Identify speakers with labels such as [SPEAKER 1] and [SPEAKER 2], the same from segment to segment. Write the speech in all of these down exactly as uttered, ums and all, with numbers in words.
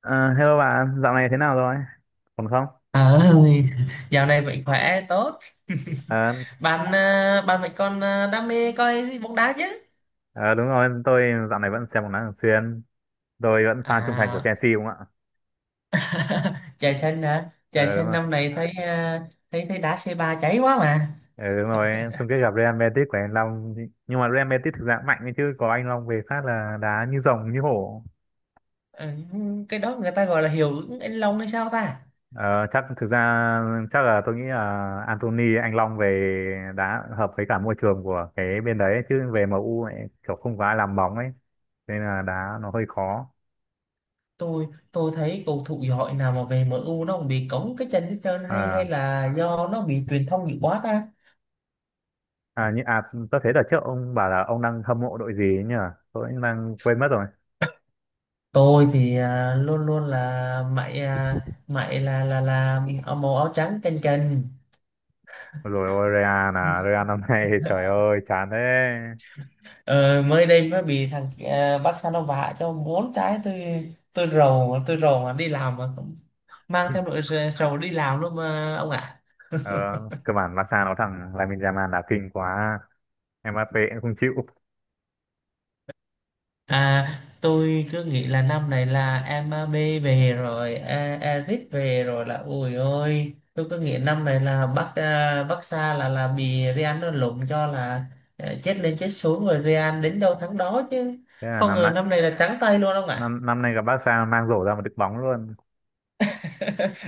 [SPEAKER 1] Ờ, Hello bạn, dạo này thế nào rồi? Còn không?
[SPEAKER 2] Ờ, dạo này vẫn khỏe tốt.
[SPEAKER 1] Ờ,
[SPEAKER 2] Bạn à, bạn vẫn còn à, đam mê coi bóng đá chứ?
[SPEAKER 1] ờ, đúng rồi, tôi dạo này vẫn xem bóng đá thường xuyên. Tôi vẫn fan trung thành của
[SPEAKER 2] À,
[SPEAKER 1] Chelsea đúng không ạ?
[SPEAKER 2] trời xanh hả? Trời
[SPEAKER 1] Ờ, đúng
[SPEAKER 2] xanh
[SPEAKER 1] rồi.
[SPEAKER 2] năm này thấy à, thấy thấy đá xê ba cháy quá mà.
[SPEAKER 1] Ờ, đúng rồi. Chung kết gặp Real Madrid của anh Long. Nhưng mà Real Madrid thực ra cũng mạnh ấy chứ, có anh Long về phát là đá như rồng như hổ.
[SPEAKER 2] Ờ, cái đó người ta gọi là hiệu ứng anh Long hay sao ta?
[SPEAKER 1] Ờ, chắc thực ra, chắc là tôi nghĩ là Anthony anh Long về đá hợp với cả môi trường của cái bên đấy ấy, chứ về m u ấy, kiểu không có ai làm bóng ấy, nên là đá nó hơi khó.
[SPEAKER 2] Tôi tôi thấy cầu thủ giỏi nào mà về em u nó cũng bị cống cái chân hết trơn hay hay
[SPEAKER 1] Ờ
[SPEAKER 2] là do nó bị truyền thông nhiều quá ta?
[SPEAKER 1] À, như à tôi thấy đợt trước ông bảo là ông đang hâm mộ đội gì ấy nhỉ? Tôi cũng đang quên mất rồi.
[SPEAKER 2] Tôi thì à, luôn luôn là mày à, mày là là là áo màu áo trắng canh canh.
[SPEAKER 1] Rồi ôi Real à, Real năm nay trời ơi chán thế.
[SPEAKER 2] Ờ, mới đây mới bị thằng ờ, bác Sa nó vạ cho bốn trái. Tôi tôi rầu mà tôi rầu mà đi làm mà cũng mang theo nỗi r- rầu đi làm luôn mà ông ạ.
[SPEAKER 1] Ờ, cơ bản Barca nó thằng Lamine Yamal là kinh quá. Mbappé cũng không chịu.
[SPEAKER 2] À, tôi cứ nghĩ là năm này là em bê về rồi e- Eric về rồi là ôi ôi tôi cứ nghĩ năm này là bác à, bác Sa là là bị Real nó lụm cho là ờ, chết lên chết xuống rồi Real đến đâu thắng đó chứ
[SPEAKER 1] Thế là
[SPEAKER 2] không
[SPEAKER 1] năm
[SPEAKER 2] ngờ
[SPEAKER 1] nay
[SPEAKER 2] năm này là trắng tay luôn ông ạ.
[SPEAKER 1] năm năm nay gặp Barca mang rổ ra một đứt bóng luôn.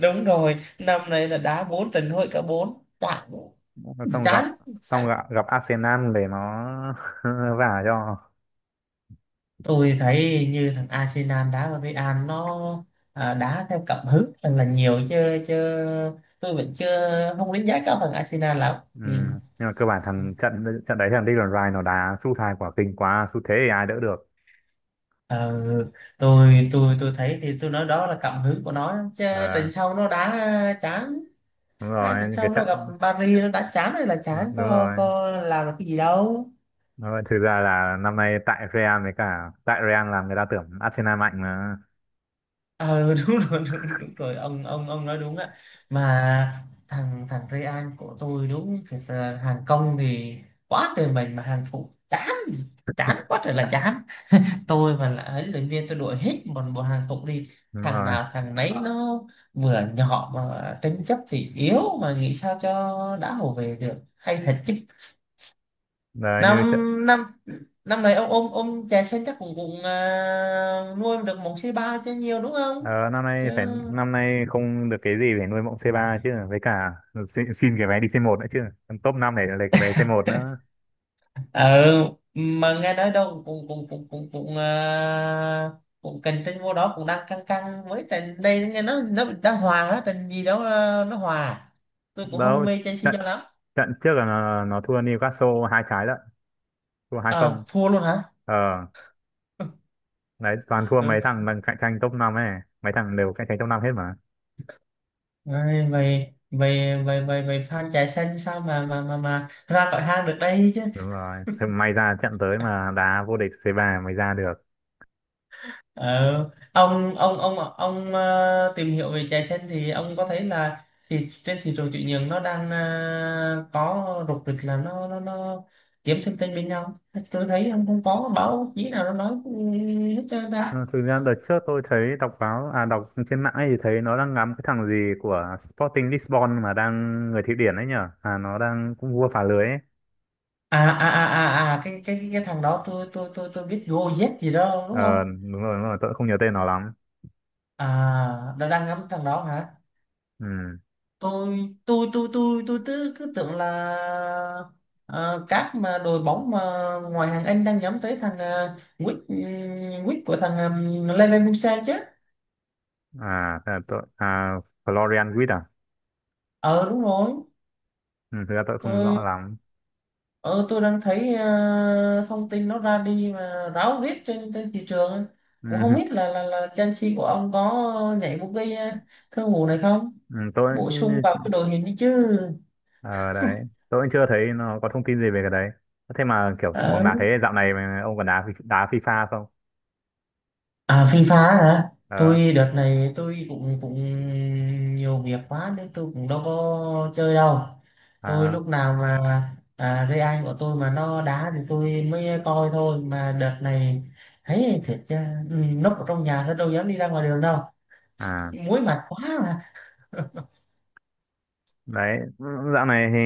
[SPEAKER 2] Đúng rồi, năm này là đá bốn trận thôi, cả bốn đã thì
[SPEAKER 1] Xong gặp
[SPEAKER 2] chán.
[SPEAKER 1] xong
[SPEAKER 2] Chán.
[SPEAKER 1] gặp, gặp Arsenal để nó vả cho.
[SPEAKER 2] Tôi thấy như thằng Arsenal đá với Real nó à, đá theo cảm hứng thật là nhiều chứ chứ tôi vẫn chưa, không đánh giá cao thằng Arsenal lắm.
[SPEAKER 1] Ừ.
[SPEAKER 2] Ừ.
[SPEAKER 1] Nhưng mà cơ bản thằng trận trận đấy thằng Declan Rice nó đá sút hai quả kinh quá, sút thế thì ai đỡ được.
[SPEAKER 2] Ờ, tôi tôi tôi thấy thì tôi nói đó là cảm hứng của nó chứ
[SPEAKER 1] Ờ,
[SPEAKER 2] trận sau nó đá chán.
[SPEAKER 1] đúng
[SPEAKER 2] Hai trận
[SPEAKER 1] rồi,
[SPEAKER 2] sau
[SPEAKER 1] cái
[SPEAKER 2] nó gặp
[SPEAKER 1] trận.
[SPEAKER 2] Paris nó đá chán hay là
[SPEAKER 1] Đúng,
[SPEAKER 2] chán,
[SPEAKER 1] đúng
[SPEAKER 2] có
[SPEAKER 1] rồi.
[SPEAKER 2] có làm được cái gì đâu.
[SPEAKER 1] Nói thực ra là năm nay tại Real, với cả tại Real là người ta tưởng Arsenal mạnh mà.
[SPEAKER 2] Ờ, đúng rồi, đúng, đúng rồi ông ông ông nói đúng ạ, mà thằng thằng Real của tôi đúng thật là hàng công thì quá trời mình mà hàng thủ chán, chán quá trời là chán. Tôi mà là ấy luyện viên tôi đuổi hết một bộ hàng thủ đi.
[SPEAKER 1] Đúng
[SPEAKER 2] Thằng
[SPEAKER 1] rồi.
[SPEAKER 2] nào thằng nấy nó vừa nhỏ mà tranh chấp thì yếu, mà nghĩ sao cho đã hồ về được hay thật chứ.
[SPEAKER 1] Đấy,
[SPEAKER 2] Năm
[SPEAKER 1] như trận,
[SPEAKER 2] năm năm này ông ông ông chè sen chắc cũng cũng à, nuôi được một C ba chứ nhiều đúng không
[SPEAKER 1] ờ, năm
[SPEAKER 2] chứ
[SPEAKER 1] nay phải năm nay không được cái gì để nuôi mộng xê ba chứ, với cả xin, xin cái vé đi xê một nữa chứ, top năm để lấy cái vé xê một nữa
[SPEAKER 2] ừ. Mà nghe nói đâu cũng cũng cũng cũng cũng à, cũng cạnh tranh vô đó, cũng đang căng căng với trận đây, nghe nó nó đang hòa á, trận gì đó à, nó hòa à? Tôi cũng không
[SPEAKER 1] đâu.
[SPEAKER 2] mê Chelsea
[SPEAKER 1] trận
[SPEAKER 2] cho lắm.
[SPEAKER 1] trận trước là nó, nó thua Newcastle hai trái lận, thua hai không.
[SPEAKER 2] Ờ, thua luôn hả?
[SPEAKER 1] ờ Đấy toàn thua mấy
[SPEAKER 2] Ừ.
[SPEAKER 1] thằng đang cạnh tranh top năm ấy, mấy thằng đều cạnh tranh top năm hết mà.
[SPEAKER 2] Ai, vậy vậy vậy vậy vậy fan chạy xanh sao mà mà mà mà ra khỏi hang được đây chứ.
[SPEAKER 1] Đúng rồi. Thế may ra trận tới mà đá vô địch xê ba mới ra được.
[SPEAKER 2] Ờ, ông ông ông ông ờ, tìm hiểu về chè sen thì ông có thấy là thì trên thị trường chuyển nhượng nó đang ờ, có rục rịch là nó nó nó kiếm thêm tên bên nhau. Tôi thấy ông không có báo chí nào nó nói ừ, hết trơn ta.
[SPEAKER 1] Ờ, thực ra đợt trước tôi thấy đọc báo, à đọc trên mạng ấy thì thấy nó đang ngắm cái thằng gì của Sporting Lisbon mà đang người Thụy Điển ấy nhở, à nó đang cũng vua phá lưới ấy.
[SPEAKER 2] À à à à à cái cái cái thằng đó tôi tôi tôi tôi biết Gojek gì đó đúng
[SPEAKER 1] Ờ
[SPEAKER 2] không.
[SPEAKER 1] đúng rồi, đúng rồi, tôi không nhớ tên nó lắm.
[SPEAKER 2] À, nó đang ngắm thằng đó hả.
[SPEAKER 1] ừ
[SPEAKER 2] Tôi tôi tôi tôi tôi cứ, cứ tưởng là ờ, các mà đội bóng mà ngoài hàng Anh đang nhắm tới thằng uh, Wick ừ, Wick của thằng um, Leverkusen chứ.
[SPEAKER 1] à Thế là tôi à Florian Wirtz à.
[SPEAKER 2] Ờ đúng rồi.
[SPEAKER 1] Ừ, thực ra tôi không rõ
[SPEAKER 2] Tôi
[SPEAKER 1] lắm.
[SPEAKER 2] ờ tôi đang thấy ờ, thông tin nó ra đi mà ráo riết trên trên thị trường, cũng không
[SPEAKER 1] Ừ.
[SPEAKER 2] biết là là là Chelsea của ông có nhảy một cái ờ, thương vụ này không,
[SPEAKER 1] Ừ, tôi
[SPEAKER 2] bổ sung vào cái đội hình đi chứ.
[SPEAKER 1] ờ đấy, tôi cũng chưa thấy nó có thông tin gì về cái đấy. Thế mà kiểu
[SPEAKER 2] Ờ.
[SPEAKER 1] bóng đá thế, dạo này mà ông còn đá đá FIFA không?
[SPEAKER 2] À, Phi Phá hả?
[SPEAKER 1] ờ
[SPEAKER 2] Tôi đợt này tôi cũng cũng nhiều việc quá nên tôi cũng đâu có chơi đâu. Tôi
[SPEAKER 1] à,
[SPEAKER 2] lúc nào mà à, Ray Anh của tôi mà nó đá thì tôi mới coi thôi. Mà đợt này thấy thiệt chứ, ừ, núp ở trong nhà nó đâu dám đi ra ngoài đường đâu.
[SPEAKER 1] à
[SPEAKER 2] Muối mặt quá mà.
[SPEAKER 1] Đấy dạo này thì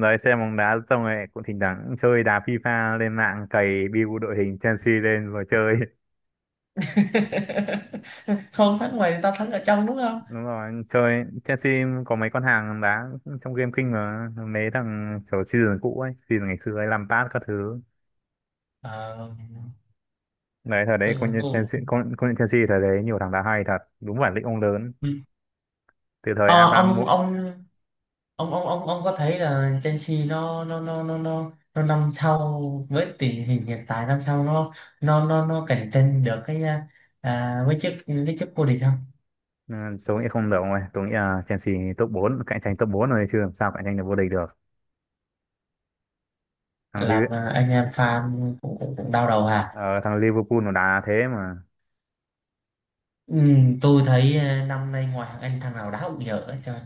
[SPEAKER 1] đấy, xem bóng đá xong rồi cũng thỉnh thoảng chơi đá FIFA, lên mạng cày build đội hình Chelsea lên rồi chơi.
[SPEAKER 2] Không thắng ngoài thì tao thắng ở trong đúng không?
[SPEAKER 1] Đúng rồi, chơi Chelsea có mấy con hàng đá trong game kinh mà, mấy thằng kiểu season cũ ấy, season ngày xưa ấy, Lampard các thứ.
[SPEAKER 2] Ờ,
[SPEAKER 1] Đấy thời đấy
[SPEAKER 2] tôi,
[SPEAKER 1] công nhận
[SPEAKER 2] tôi,
[SPEAKER 1] Chelsea, công, công nhận Chelsea thời đấy nhiều thằng đá hay thật, đúng bản lĩnh ông lớn
[SPEAKER 2] ừ.
[SPEAKER 1] từ thời
[SPEAKER 2] Ờ,
[SPEAKER 1] Abraham.
[SPEAKER 2] ông ông ông ông ông ông có thấy là Chelsea nó nó nó nó nó nó năm sau, với tình hình hiện tại năm sau nó nó nó nó cạnh tranh được cái à, à, với chức cái chức vô địch không.
[SPEAKER 1] Ừ, tôi nghĩ không được rồi, tôi nghĩ là Chelsea top bốn, cạnh tranh top bốn rồi chứ làm sao cạnh tranh được vô địch được. thằng Liv-
[SPEAKER 2] Làm à, anh em fan cũng cũng, cũng đau đầu à.
[SPEAKER 1] Ờ, thằng Liverpool nó đá thế mà,
[SPEAKER 2] Ừ, tôi thấy à, năm nay ngoài thằng anh thằng nào đá cũng dở hết trơn,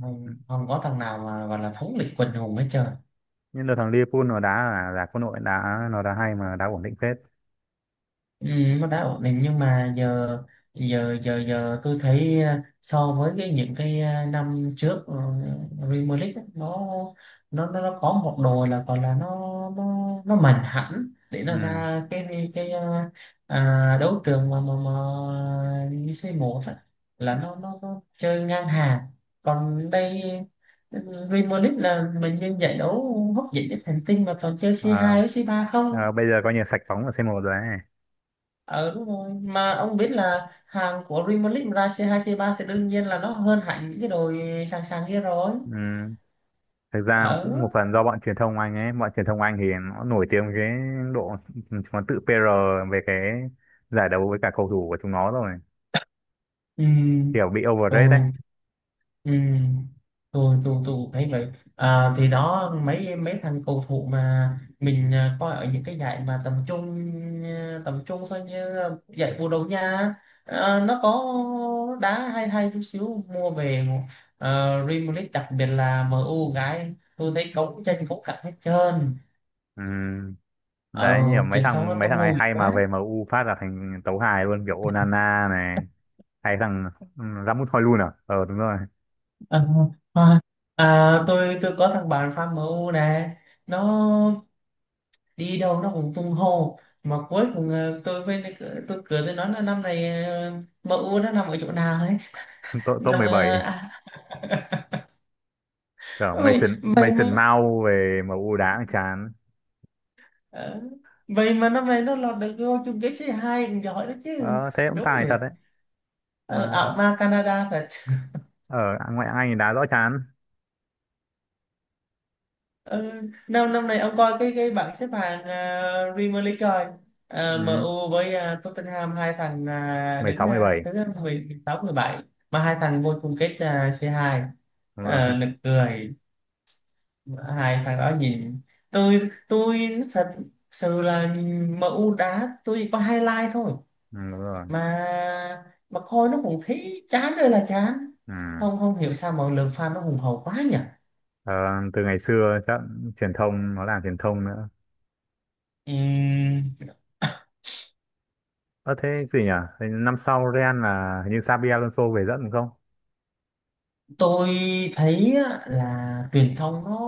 [SPEAKER 2] không không có thằng nào mà gọi là thống lĩnh quần hùng hết trơn.
[SPEAKER 1] nhưng là thằng Liverpool nó đá là là quân đội đá, nó đá hay mà đá ổn định phết.
[SPEAKER 2] Ừ, nó đã ổn định nhưng mà giờ giờ giờ giờ tôi thấy ờ, so với cái những cái ờ, năm trước ờ, Premier League á, nó nó nó nó có một đồ là còn là nó nó nó mạnh hẳn để nó
[SPEAKER 1] Ừ.
[SPEAKER 2] ra cái cái ờ, à, đấu trường mà mà mà xê một á, là nó, nó nó chơi ngang hàng, còn đây Premier League là mình như giải đấu hấp dẫn nhất hành tinh mà toàn chơi
[SPEAKER 1] Ờ,
[SPEAKER 2] c hai với c ba
[SPEAKER 1] ờ,
[SPEAKER 2] không.
[SPEAKER 1] bây giờ coi như sạch bóng ở xê một rồi ấy.
[SPEAKER 2] Ờ đúng rồi, mà ông biết là hàng của Real Madrid ra c hai c ba thì đương nhiên là nó hơn hẳn những cái đồi sàng sàng kia rồi.
[SPEAKER 1] Ừ. Thực ra
[SPEAKER 2] Ở.
[SPEAKER 1] cũng một phần do bọn truyền thông Anh ấy, bọn truyền thông Anh thì nó nổi tiếng với cái độ, nó tự pê rờ về cái giải đấu với cả cầu thủ của chúng nó rồi,
[SPEAKER 2] Ừ.
[SPEAKER 1] kiểu bị overrate đấy.
[SPEAKER 2] Rồi. Ừ. tôi tôi tôi cũng thấy vậy. À, thì đó mấy mấy thằng cầu thủ mà mình à, coi ở những cái giải mà tầm trung, à, tầm trung thôi như là giải Bồ Đào Nha, à, nó có đá hay hay chút xíu mua về à, Real Madrid đặc biệt là M U gái tôi thấy cấu tranh cấu cặn hết trơn.
[SPEAKER 1] Ừ.
[SPEAKER 2] Ờ,
[SPEAKER 1] Đấy như là mấy
[SPEAKER 2] truyền thông
[SPEAKER 1] thằng
[SPEAKER 2] nó
[SPEAKER 1] mấy
[SPEAKER 2] tung
[SPEAKER 1] thằng hay
[SPEAKER 2] hô dữ
[SPEAKER 1] hay
[SPEAKER 2] quá.
[SPEAKER 1] mà về m u phát là thành tấu hài luôn, kiểu Onana này, hay thằng ừ, Rasmus Højlund à. Ờ đúng rồi.
[SPEAKER 2] Ờ, à, à, tôi tôi có thằng bạn fan M U nè, nó đi đâu nó cũng tung hô, mà cuối cùng ờ, tôi với tôi cười tôi nói là năm này ờ, M U nó nằm ở chỗ nào ấy,
[SPEAKER 1] Top top
[SPEAKER 2] nằm
[SPEAKER 1] mười bảy.
[SPEAKER 2] ờ, à,
[SPEAKER 1] Cả
[SPEAKER 2] vậy
[SPEAKER 1] Mason
[SPEAKER 2] vậy mà
[SPEAKER 1] Mason Mount về em u đá cũng chán.
[SPEAKER 2] ờ, vậy mà năm này nó lọt được vô chung kết xê hai cũng giỏi đó chứ
[SPEAKER 1] Ờ, thế cũng
[SPEAKER 2] đúng
[SPEAKER 1] tài thật
[SPEAKER 2] rồi.
[SPEAKER 1] đấy,
[SPEAKER 2] Ờ,
[SPEAKER 1] mà
[SPEAKER 2] ở ma Canada thật.
[SPEAKER 1] ở ở ngoại hạng Anh thì đá rõ chán.
[SPEAKER 2] Ừ, năm năm này ông coi cái cái bảng xếp hạng à, Premier League rồi à,
[SPEAKER 1] Ừ,
[SPEAKER 2] M U với à, Tottenham hai thằng à, đứng
[SPEAKER 1] mười sáu,
[SPEAKER 2] à,
[SPEAKER 1] mười bảy.
[SPEAKER 2] thứ mười sáu mười bảy mà hai thằng vô chung kết à, c hai.
[SPEAKER 1] Đúng rồi.
[SPEAKER 2] À, nực cười hai thằng đó nhìn. Tôi tôi thật sự là nhìn M U đá tôi có highlight thôi,
[SPEAKER 1] Ừ, đúng rồi.
[SPEAKER 2] mà mà coi nó cũng thấy chán ơi là chán,
[SPEAKER 1] Ừ.
[SPEAKER 2] không không hiểu sao mọi lượng fan nó hùng hậu quá nhỉ.
[SPEAKER 1] Ờ, từ ngày xưa chắc truyền thông, nó làm truyền thông nữa.
[SPEAKER 2] Ừ,
[SPEAKER 1] ờ Thế gì nhỉ? Thế năm sau Real là hình như Xabi Alonso về dẫn đúng không?
[SPEAKER 2] tôi thấy á, là truyền thông nó,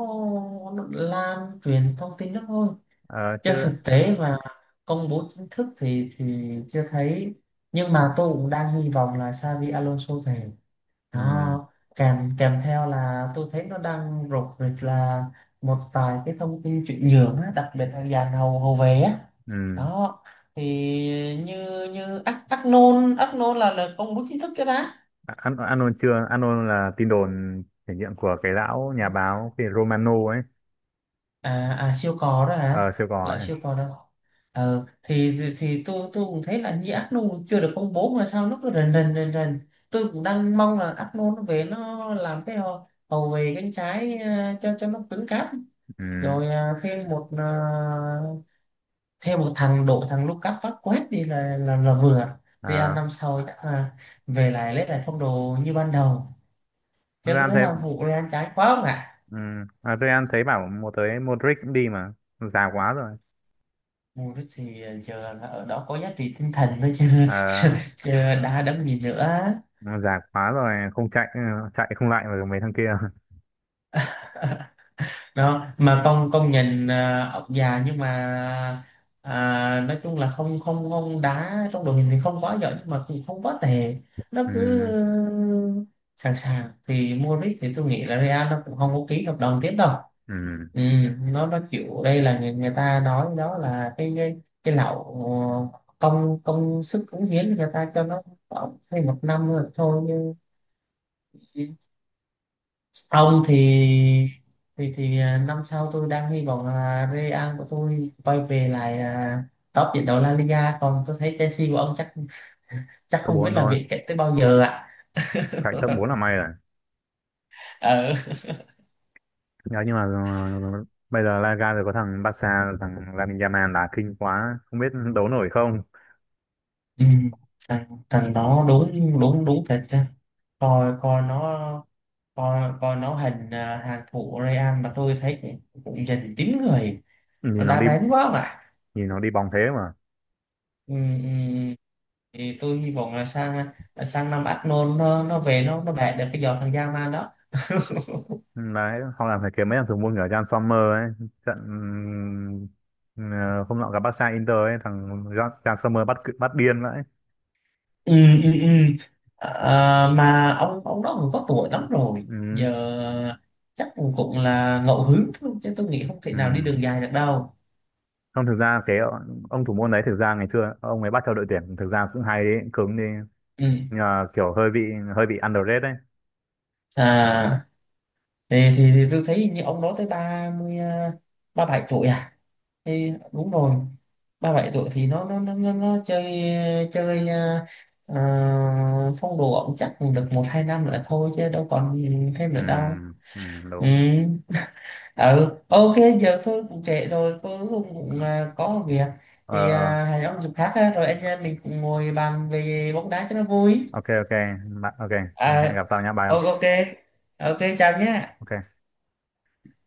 [SPEAKER 2] nó lan truyền thông tin đó thôi
[SPEAKER 1] Ờ chứ.
[SPEAKER 2] chứ thực tế và công bố chính thức thì thì chưa thấy, nhưng mà tôi cũng đang hy vọng là Xavi Alonso về
[SPEAKER 1] Ừ,
[SPEAKER 2] nó kèm kèm theo. Là tôi thấy nó đang rục rịch là một vài cái thông tin chuyển nhượng á, đặc biệt là dàn hậu hậu vệ á,
[SPEAKER 1] ừ.
[SPEAKER 2] đó thì như như Ác Ác Nôn Ác Nôn là là công bố chính thức cho ta.
[SPEAKER 1] An Anon chưa, Anon là tin đồn thể nghiệm của cái lão nhà báo, cái Romano ấy.
[SPEAKER 2] À, à siêu cò đó
[SPEAKER 1] Ờ
[SPEAKER 2] hả.
[SPEAKER 1] siêu cò
[SPEAKER 2] Lặn
[SPEAKER 1] ấy.
[SPEAKER 2] siêu cò đó. Ờ thì thì, thì tôi tôi cũng thấy là như ác chưa được công bố mà sao nó cứ rần rần rần rần. Tôi cũng đang mong là ác nôn nó về nó làm cái hậu, hậu vệ cánh trái ờ, cho cho nó cứng cáp.
[SPEAKER 1] Ừ.
[SPEAKER 2] Rồi ờ, thêm một ờ, thêm một thằng đội thằng Lucas Vazquez đi là là là vừa Real
[SPEAKER 1] Ờ.
[SPEAKER 2] năm sau chắc là về lại lấy lại phong độ như ban đầu, cho tôi
[SPEAKER 1] Real
[SPEAKER 2] thấy
[SPEAKER 1] thấy.
[SPEAKER 2] hàng phụ Real trái quá không ạ.
[SPEAKER 1] Ừ. À, Real thấy bảo một tới Modric cũng đi mà, già quá rồi
[SPEAKER 2] Mua rít thì giờ là ở đó có giá trị tinh thần thôi chứ chứ,
[SPEAKER 1] à,
[SPEAKER 2] chứ đã đấm gì nữa.
[SPEAKER 1] già quá rồi không chạy, ừ, chạy không lại với mấy thằng kia.
[SPEAKER 2] Đó mà con con nhìn à, ông già nhưng mà à, nói chung là không không không đá trong đội hình thì không quá giỏi nhưng mà cũng không quá tệ, nó
[SPEAKER 1] Ừ.
[SPEAKER 2] cứ sẵn sàng thì Modric thì tôi nghĩ là Real nó cũng không có ký hợp đồng tiếp đâu.
[SPEAKER 1] Ừ.
[SPEAKER 2] Ừ, nó nó kiểu đây là người, người ta nói đó là cái cái, cái lậu ờ, công công sức cống hiến người ta cho nó khoảng thêm một năm rồi thôi, nhưng ông thì thì thì à, năm sau tôi đang hy vọng là Real của tôi quay về lại à, top trận đấu La Liga, còn tôi thấy Chelsea của ông chắc chắc
[SPEAKER 1] Top
[SPEAKER 2] không biết
[SPEAKER 1] bốn
[SPEAKER 2] là
[SPEAKER 1] thôi,
[SPEAKER 2] viện chạy tới bao giờ ạ.
[SPEAKER 1] chạy top bốn là may rồi.
[SPEAKER 2] Ờ.
[SPEAKER 1] Nhớ nhưng mà ừ, bây giờ Liga rồi có thằng Barca, thằng Lamine Yamal đá kinh quá không biết đấu nổi không.
[SPEAKER 2] Ừ. thằng thằng đó đúng đúng đúng thật chứ, coi coi nó coi coi nó hình à, hàng thủ Real mà tôi thấy cũng, cũng dành chín người,
[SPEAKER 1] nhìn
[SPEAKER 2] nó
[SPEAKER 1] nó
[SPEAKER 2] đa
[SPEAKER 1] đi
[SPEAKER 2] bén quá mà.
[SPEAKER 1] Nhìn nó đi bóng thế mà.
[SPEAKER 2] Ừ, ừ, thì tôi hy vọng là sang sang năm Arnold nó nó về nó nó bẻ được cái giò thằng Yaman đó.
[SPEAKER 1] Ừ, đấy hoặc là phải kiếm mấy thằng thủ môn kiểu Jan Sommer ấy. trận ừ, ừ, hôm nọ gặp Barca Inter ấy, thằng Jan Jan Sommer bắt cự, bắt điên vậy.
[SPEAKER 2] Ừ, ừ, ừ. À, mà ông ông đó cũng có tuổi lắm rồi
[SPEAKER 1] Ừ,
[SPEAKER 2] giờ, chắc cũng cũng là ngẫu hứng thôi chứ tôi nghĩ không thể
[SPEAKER 1] ừ.
[SPEAKER 2] nào đi đường dài được đâu.
[SPEAKER 1] Không, thực ra cái ờ, ông thủ môn đấy thực ra ngày xưa ông ấy bắt theo đội tuyển thực ra cũng hay đấy, cứng đi,
[SPEAKER 2] Ừ.
[SPEAKER 1] nhưng mà kiểu hơi bị hơi bị underrated đấy.
[SPEAKER 2] À thì, thì, thì tôi thấy như ông đó tới ba mươi à, ba bảy tuổi à? Thì đúng rồi ba bảy tuổi thì nó nó nó nó, nó chơi chơi à, à, phong độ ổng chắc được một hai năm là thôi chứ đâu còn thêm
[SPEAKER 1] Ừ,
[SPEAKER 2] nữa đâu.
[SPEAKER 1] ừ,
[SPEAKER 2] Ừ
[SPEAKER 1] đúng.
[SPEAKER 2] ừ ok. Giờ tôi cũng trễ rồi, tôi cũng, cũng à, có một việc
[SPEAKER 1] Ờ,
[SPEAKER 2] thì
[SPEAKER 1] ờ,
[SPEAKER 2] à, hẹn ông dịp khác ha, rồi anh em mình cùng ngồi bàn về bóng đá cho nó vui.
[SPEAKER 1] ok, ok, Bạn- ok, hẹn gặp
[SPEAKER 2] À,
[SPEAKER 1] sau nhá, bye
[SPEAKER 2] o-
[SPEAKER 1] ông.
[SPEAKER 2] ok ok chào nhé.
[SPEAKER 1] Ok.